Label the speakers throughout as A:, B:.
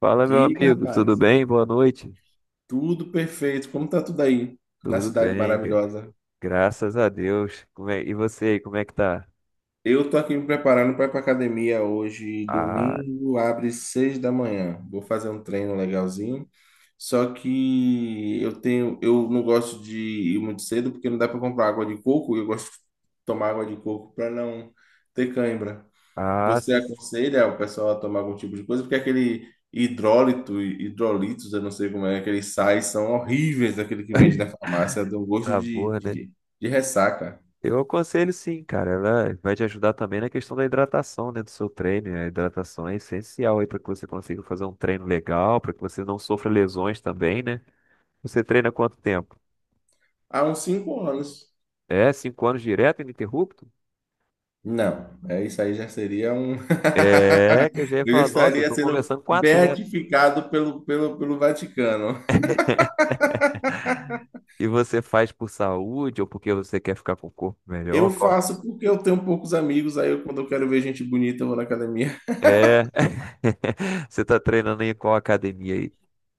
A: Fala, meu
B: Diga,
A: amigo, tudo
B: rapaz.
A: bem? Boa noite.
B: Tudo perfeito. Como tá tudo aí na
A: Tudo
B: cidade
A: bem,
B: maravilhosa?
A: graças a Deus. E você aí, como é que tá?
B: Eu tô aqui me preparando para ir pra academia hoje.
A: Ah,
B: Domingo abre seis da manhã. Vou fazer um treino legalzinho. Só que eu não gosto de ir muito cedo porque não dá para comprar água de coco, eu gosto de tomar água de coco para não ter cãibra.
A: ah,
B: Você
A: sim,
B: aconselha o pessoal a tomar algum tipo de coisa? Porque hidrolitos, eu não sei como é, aqueles sais são horríveis, aquele que vende na farmácia, dá um gosto de,
A: sabor,
B: de,
A: né?
B: de de ressaca.
A: Eu aconselho sim, cara. Ela vai te ajudar também na questão da hidratação, né, do seu treino. A hidratação é essencial aí para que você consiga fazer um treino legal, para que você não sofra lesões também, né? Você treina quanto tempo?
B: Há uns cinco anos.
A: É, cinco anos direto, ininterrupto?
B: Não, é isso aí já seria um.
A: É, que eu já ia
B: Eu já
A: falar, nossa, eu
B: estaria
A: tô
B: sendo
A: conversando com um atleta.
B: beatificado pelo Vaticano.
A: E você faz por saúde ou porque você quer ficar com o corpo melhor?
B: Eu
A: Qual...
B: faço porque eu tenho poucos amigos, aí eu, quando eu quero ver gente bonita, eu vou na academia.
A: É. Você tá treinando em qual academia aí?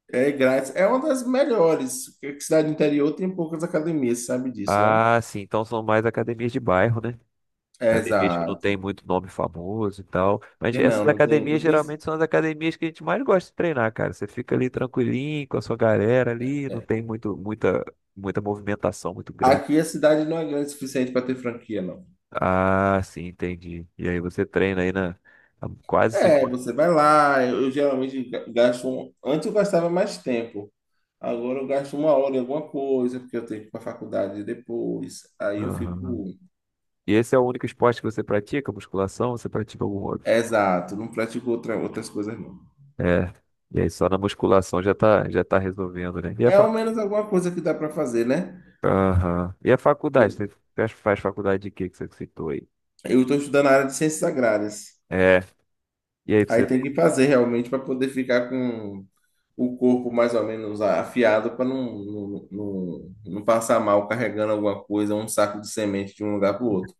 B: É grátis. É uma das melhores, porque cidade interior tem poucas academias, você sabe disso, né?
A: Ah, sim. Então são mais academias de bairro, né?
B: É,
A: Academias que não
B: exato.
A: tem muito nome famoso e tal. Mas
B: E
A: essas academias
B: não tem.
A: geralmente são as academias que a gente mais gosta de treinar, cara. Você fica ali tranquilinho com a sua galera ali, não tem muita movimentação muito grande.
B: Aqui a cidade não é grande o suficiente para ter franquia, não.
A: Ah, sim, entendi. E aí você treina aí na, há quase
B: É,
A: cinco
B: você vai lá, eu geralmente gasto. Antes eu gastava mais tempo. Agora eu gasto uma hora em alguma coisa, porque eu tenho que ir para a faculdade depois. Aí eu
A: anos.
B: fico.
A: E esse é o único esporte que você pratica? Musculação? Você pratica algum outro?
B: Exato, não pratico outras coisas, não.
A: É. E aí só na musculação já tá resolvendo, né? E a
B: É ao
A: facu...
B: menos alguma coisa que dá para fazer, né?
A: Aham. E a faculdade? Você faz faculdade de quê que você citou aí?
B: Eu estou estudando a área de ciências agrárias.
A: É. E aí
B: Aí
A: você.
B: tem que fazer realmente para poder ficar com o corpo mais ou menos afiado para não passar mal carregando alguma coisa, um saco de semente de um lugar para o outro.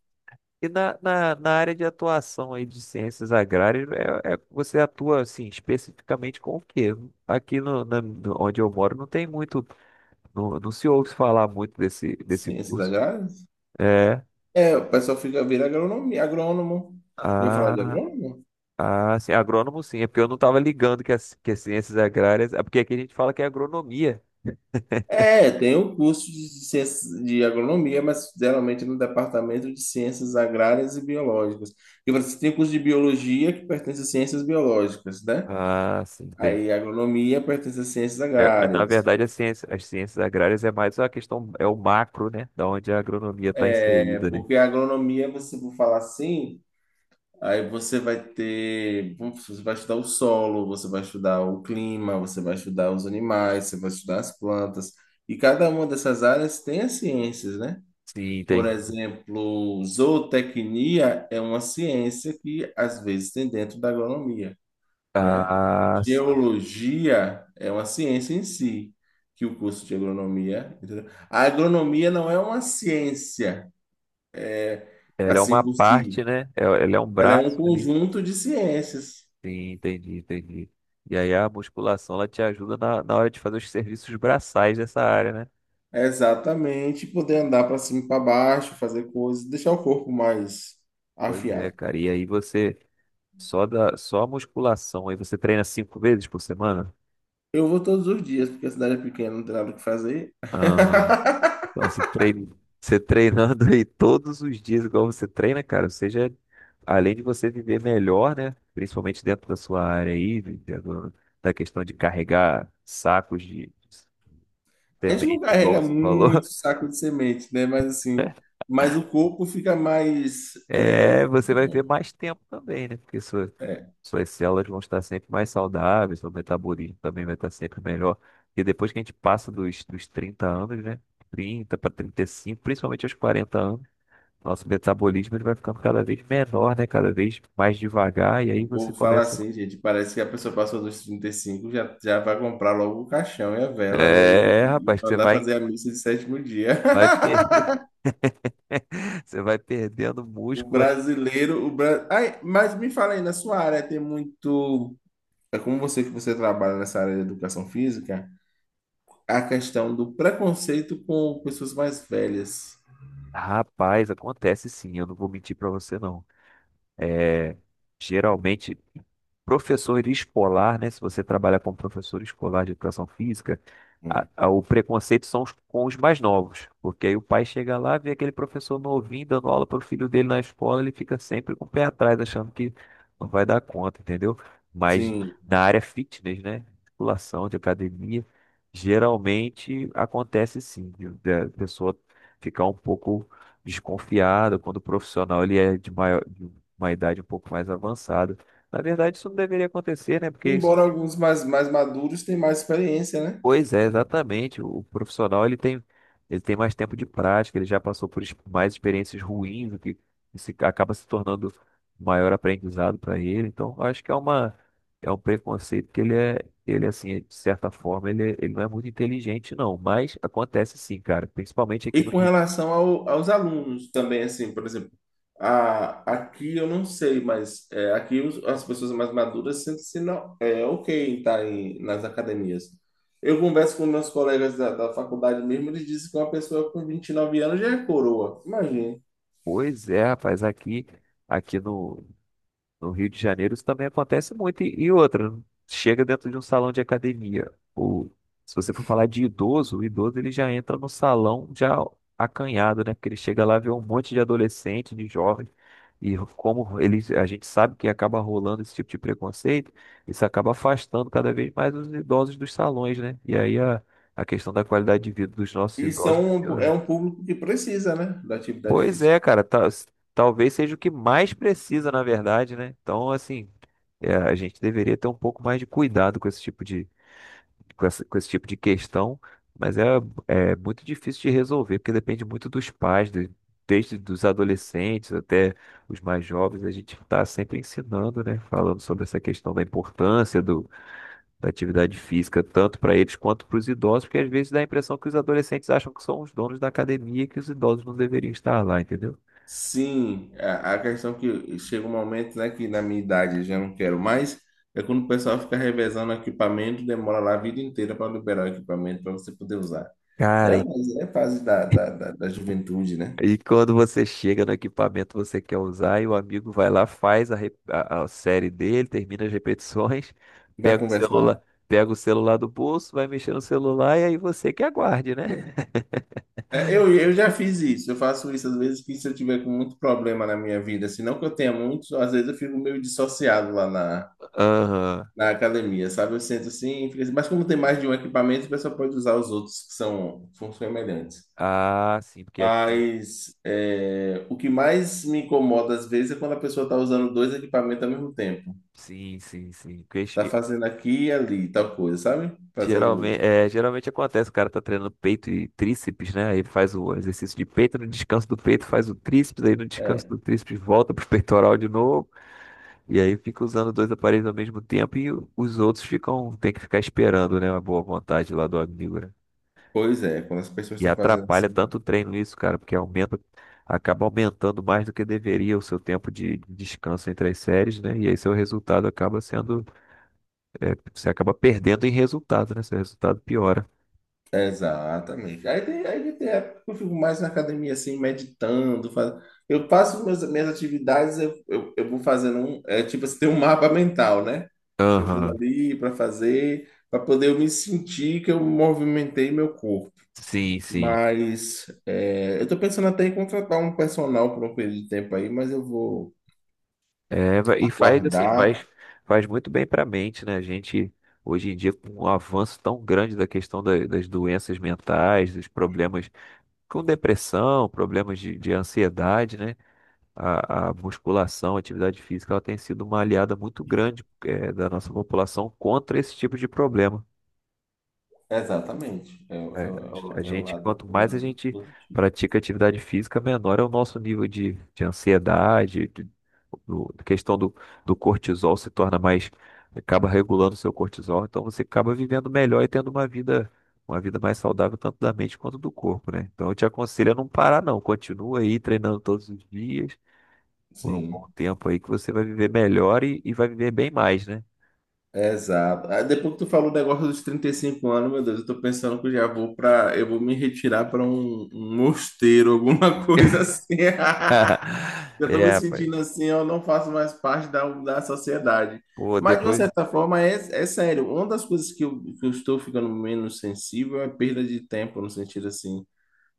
A: E na área de atuação aí de ciências agrárias, você atua assim especificamente com o quê? Aqui onde eu moro não tem muito, não se ouve falar muito desse
B: Ciências
A: curso.
B: agrárias?
A: É.
B: É, o pessoal fica, vira agronomia, agrônomo. Eu falar de
A: ah,
B: agrônomo?
A: Ah, sim, agrônomo sim, é porque eu não estava ligando que as ciências agrárias. É porque aqui a gente fala que é agronomia.
B: É, tem o curso de ciências de agronomia, mas geralmente no departamento de ciências agrárias e biológicas. E você tem curso de biologia que pertence a ciências biológicas, né?
A: Ah, sim, tem.
B: Aí agronomia pertence a ciências
A: É, na
B: agrárias.
A: verdade, a ciência, as ciências agrárias é mais a questão, é o macro, né? Da onde a agronomia está
B: É,
A: inserida, né?
B: porque a agronomia, você for falar assim, aí você vai ter, você vai estudar o solo, você vai estudar o clima, você vai estudar os animais, você vai estudar as plantas, e cada uma dessas áreas tem as ciências, né?
A: Sim,
B: Por
A: tem.
B: exemplo, zootecnia é uma ciência que às vezes tem dentro da agronomia, né?
A: Ah, sim.
B: Geologia é uma ciência em si, que o curso de agronomia, entendeu? A agronomia não é uma ciência
A: Ela é
B: assim
A: uma
B: por
A: parte,
B: si.
A: né? Ela é um
B: Ela é um
A: braço ali.
B: conjunto de ciências.
A: Sim, entendi, entendi. E aí a musculação, ela te ajuda na hora de fazer os serviços braçais dessa área, né?
B: É, exatamente, poder andar para cima e para baixo, fazer coisas, deixar o corpo mais
A: Pois é,
B: afiado.
A: cara. E aí você. Só da, só a musculação aí você treina 5 vezes por semana?
B: Eu vou todos os dias, porque a cidade é pequena, não tem nada o que fazer.
A: Aham. Então você treina, você treinando aí todos os dias igual você treina, cara, seja além de você viver melhor, né? Principalmente dentro da sua área aí, dentro da questão de carregar sacos de
B: A gente não
A: sementes, igual
B: carrega
A: você falou.
B: muito saco de semente, né? Mas assim, mas o corpo fica mais.
A: É, você vai ver mais tempo também, né? Porque
B: É,
A: suas células vão estar sempre mais saudáveis, seu metabolismo também vai estar sempre melhor. E depois que a gente passa dos 30 anos, né? 30 para 35, principalmente aos 40 anos, nosso metabolismo ele vai ficando cada vez menor, né? Cada vez mais devagar. E aí
B: o
A: você
B: povo fala
A: começa.
B: assim, gente, parece que a pessoa passou dos 35, já vai comprar logo o caixão e a vela, né? E,
A: É,
B: e
A: rapaz, que você
B: mandar
A: vai,
B: fazer a missa de sétimo dia.
A: vai perder. Você vai perdendo
B: O
A: músculo.
B: brasileiro, o bra... Ai, mas me fala aí, na sua área tem muito, é como você que você trabalha nessa área de educação física, a questão do preconceito com pessoas mais velhas.
A: Rapaz, acontece sim, eu não vou mentir pra você, não. É, Geralmente professor escolar, né? Se você trabalha como professor escolar de educação física, o preconceito com os mais novos, porque aí o pai chega lá, vê aquele professor novinho dando aula para o filho dele na escola, ele fica sempre com o pé atrás, achando que não vai dar conta, entendeu? Mas
B: Sim.
A: na área fitness, né? Musculação, de academia, geralmente acontece sim, da pessoa ficar um pouco desconfiada quando o profissional ele é de maior, de uma idade um pouco mais avançada. Na verdade, isso não deveria acontecer, né? Porque isso...
B: Embora alguns mais maduros tenham mais experiência, né?
A: Pois é, exatamente. O profissional, ele tem mais tempo de prática, ele já passou mais experiências ruins, o que se, acaba se tornando maior aprendizado para ele. Então, eu acho que é um preconceito que ele assim, de certa forma, ele não é muito inteligente, não. Mas acontece sim, cara. Principalmente aqui
B: E
A: no...
B: com
A: Rio.
B: relação aos alunos também, assim, por exemplo, aqui eu não sei, mas é, aqui as pessoas mais maduras sentem-se não, é, ok em nas academias. Eu converso com meus colegas da faculdade mesmo, eles dizem que uma pessoa com 29 anos já é coroa, imagina.
A: Pois é, rapaz, aqui, aqui no, No Rio de Janeiro isso também acontece muito. E outra, chega dentro de um salão de academia. Se você for falar de idoso, o idoso ele já entra no salão já acanhado, né? Porque ele chega lá vê um monte de adolescente, de jovem. E como eles, a gente sabe que acaba rolando esse tipo de preconceito, isso acaba afastando cada vez mais os idosos dos salões, né? E aí a questão da qualidade de vida dos nossos
B: Isso
A: idosos
B: é
A: piorando.
B: um público que precisa, né, da atividade
A: Pois
B: física.
A: é, cara, talvez seja o que mais precisa, na verdade, né? Então, assim, é, a gente deveria ter um pouco mais de cuidado com esse tipo de questão, mas é muito difícil de resolver, porque depende muito dos pais, desde dos adolescentes até os mais jovens, a gente está sempre ensinando, né, falando sobre essa questão da importância da atividade física, tanto para eles quanto para os idosos, porque às vezes dá a impressão que os adolescentes acham que são os donos da academia e que os idosos não deveriam estar lá, entendeu?
B: Sim, a questão é que chega um momento, né, que na minha idade eu já não quero mais, é quando o pessoal fica revezando equipamento, demora lá a vida inteira para liberar o equipamento para você poder usar.
A: Cara,
B: Né?
A: e
B: Mas é fase da juventude, né?
A: E Quando você chega no equipamento que você quer usar e o amigo vai lá, faz a série dele, termina as repetições,
B: Vai conversar.
A: pega o celular do bolso, vai mexer no celular e aí você que aguarde, né?
B: É, eu já fiz isso, eu faço isso às vezes que se eu tiver com muito problema na minha vida, se não que eu tenha muitos, às vezes eu fico meio dissociado lá
A: Aham.
B: na academia, sabe? Eu sento assim, fico assim, mas como tem mais de um equipamento, o pessoal pode usar os outros que são semelhantes.
A: Ah, sim, porque aqui.
B: Mas é, o que mais me incomoda às vezes é quando a pessoa está usando dois equipamentos ao mesmo tempo.
A: Sim, sim, sim.
B: Está fazendo aqui e ali, tal coisa, sabe? Fazendo.
A: Geralmente, geralmente acontece, o cara tá treinando peito e tríceps, né? Aí faz o exercício de peito, no descanso do peito faz o tríceps, aí no descanso
B: É,
A: do tríceps volta pro peitoral de novo. E aí fica usando dois aparelhos ao mesmo tempo e os outros ficam, tem que ficar esperando, né, a boa vontade lá do amigo, né?
B: pois é, quando as pessoas
A: E
B: estão fazendo
A: atrapalha
B: assim.
A: tanto o treino isso, cara, porque acaba aumentando mais do que deveria o seu tempo de descanso entre as séries, né? E aí seu resultado acaba sendo, você acaba perdendo em resultado, né? Seu resultado piora.
B: Exatamente. Aí tem época que eu fico mais na academia, assim, meditando. Eu faço minhas atividades, eu vou fazendo um. É, tipo assim, tem um mapa mental, né? Eu vou
A: Aham.
B: ali para fazer, para poder eu me sentir que eu movimentei meu corpo.
A: Sim, sim.
B: Mas é, eu estou pensando até em contratar um personal por um período de tempo aí, mas eu vou
A: É, e faz assim,
B: aguardar.
A: faz, faz muito bem para a mente, né? A gente, hoje em dia, com o avanço tão grande da questão das doenças mentais, dos problemas com depressão, problemas de ansiedade, né? A musculação, a atividade física, ela tem sido uma aliada muito grande, da nossa população contra esse tipo de problema.
B: Exatamente. É,
A: É, A
B: é
A: gente, Quanto
B: o
A: mais a
B: lado
A: gente
B: positivo.
A: pratica atividade física, menor é o nosso nível de ansiedade, da questão do cortisol se torna acaba regulando o seu cortisol, então você acaba vivendo melhor e tendo uma vida mais saudável, tanto da mente quanto do corpo, né? Então eu te aconselho a não parar, não. Continua aí treinando todos os dias, por um
B: Sim,
A: bom tempo aí, que você vai viver melhor e vai viver bem mais, né?
B: exato. Ah, depois que tu falou o negócio dos 35 anos, meu Deus, eu tô pensando que eu já vou para, eu vou me retirar para um mosteiro, alguma coisa assim. Eu estou
A: É,
B: me
A: rapaz.
B: sentindo assim, eu não faço mais parte da sociedade.
A: Pô,
B: Mas, de uma
A: depois.
B: certa forma, é, é sério. Uma das coisas que eu estou ficando menos sensível é perda de tempo, no sentido assim,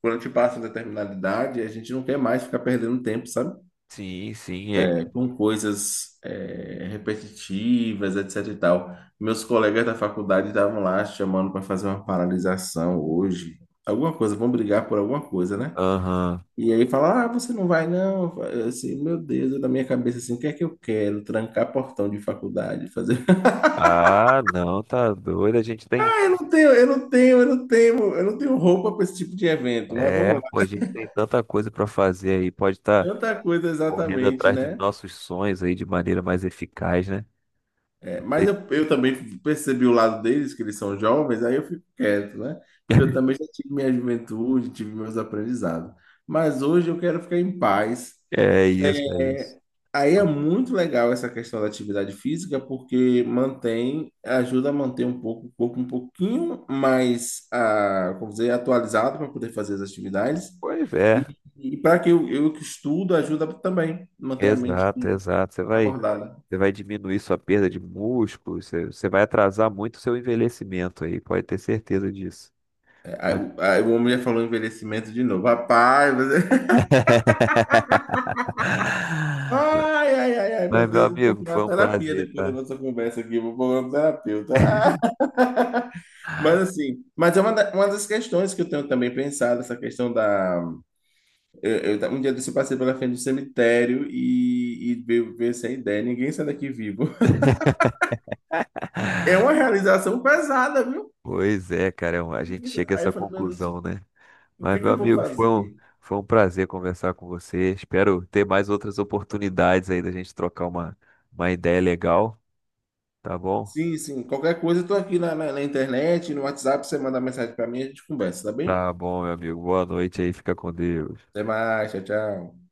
B: quando a gente passa uma determinada idade, a gente não quer mais ficar perdendo tempo, sabe?
A: Sim, sim.
B: É, com coisas é, repetitivas, etc e tal. Meus colegas da faculdade estavam lá chamando para fazer uma paralisação hoje. Alguma coisa, vão brigar por alguma coisa, né?
A: Aham.
B: E aí fala, ah, você não vai não. Eu, assim, meu Deus, na minha cabeça assim, o que é que eu quero? Trancar portão de faculdade, fazer.
A: Ah, não, tá doido. A gente tem.
B: Eu não tenho, eu não tenho, eu não tenho, eu não tenho roupa para esse tipo de evento, mas
A: É,
B: vamos lá.
A: pô, a gente tem tanta coisa pra fazer aí. Pode estar
B: Tanta coisa
A: correndo
B: exatamente,
A: atrás dos
B: né?
A: nossos sonhos aí de maneira mais eficaz, né?
B: É, mas eu também percebi o lado deles, que eles são jovens, aí eu fico quieto, né? Porque eu também já tive minha juventude, tive meus aprendizados. Mas hoje eu quero ficar em paz.
A: É isso, é isso.
B: Aí é muito legal essa questão da atividade física, porque mantém, ajuda a manter um pouco o corpo um pouquinho mais, ah, como dizer, atualizado para poder fazer as atividades.
A: Pois é,
B: E para que eu que estudo, ajuda também, manter a mente
A: exato, exato. Você vai,
B: acordada.
A: você vai diminuir sua perda de músculo, você vai atrasar muito o seu envelhecimento aí, pode ter certeza disso.
B: Aí, o aí o homem já falou envelhecimento de novo. Rapaz, você... ai, ai, ai, ai, meu
A: Mas, meu
B: Deus, vou
A: amigo,
B: procurar
A: foi
B: uma
A: um
B: terapia
A: prazer,
B: depois da
A: tá?
B: nossa conversa aqui, vou procurar um terapeuta. Mas assim, mas é uma, uma das questões que eu tenho também pensado, essa questão da. Eu um dia desse eu passei pela frente do cemitério e veio essa ideia, ninguém sai daqui vivo. É uma realização pesada, viu?
A: Pois é, cara, a gente chega a
B: Aí eu
A: essa
B: falei, meu Deus,
A: conclusão, né?
B: o que
A: Mas,
B: é que
A: meu
B: eu vou
A: amigo, foi um,
B: fazer?
A: foi um prazer conversar com você. Espero ter mais outras oportunidades aí da gente trocar uma ideia legal, tá bom?
B: Sim, sim, qualquer coisa eu tô aqui na internet, no WhatsApp, você manda mensagem pra mim, a gente conversa, tá bem?
A: Tá bom, meu amigo. Boa noite aí, fica com Deus.
B: Até mais, tchau, tchau.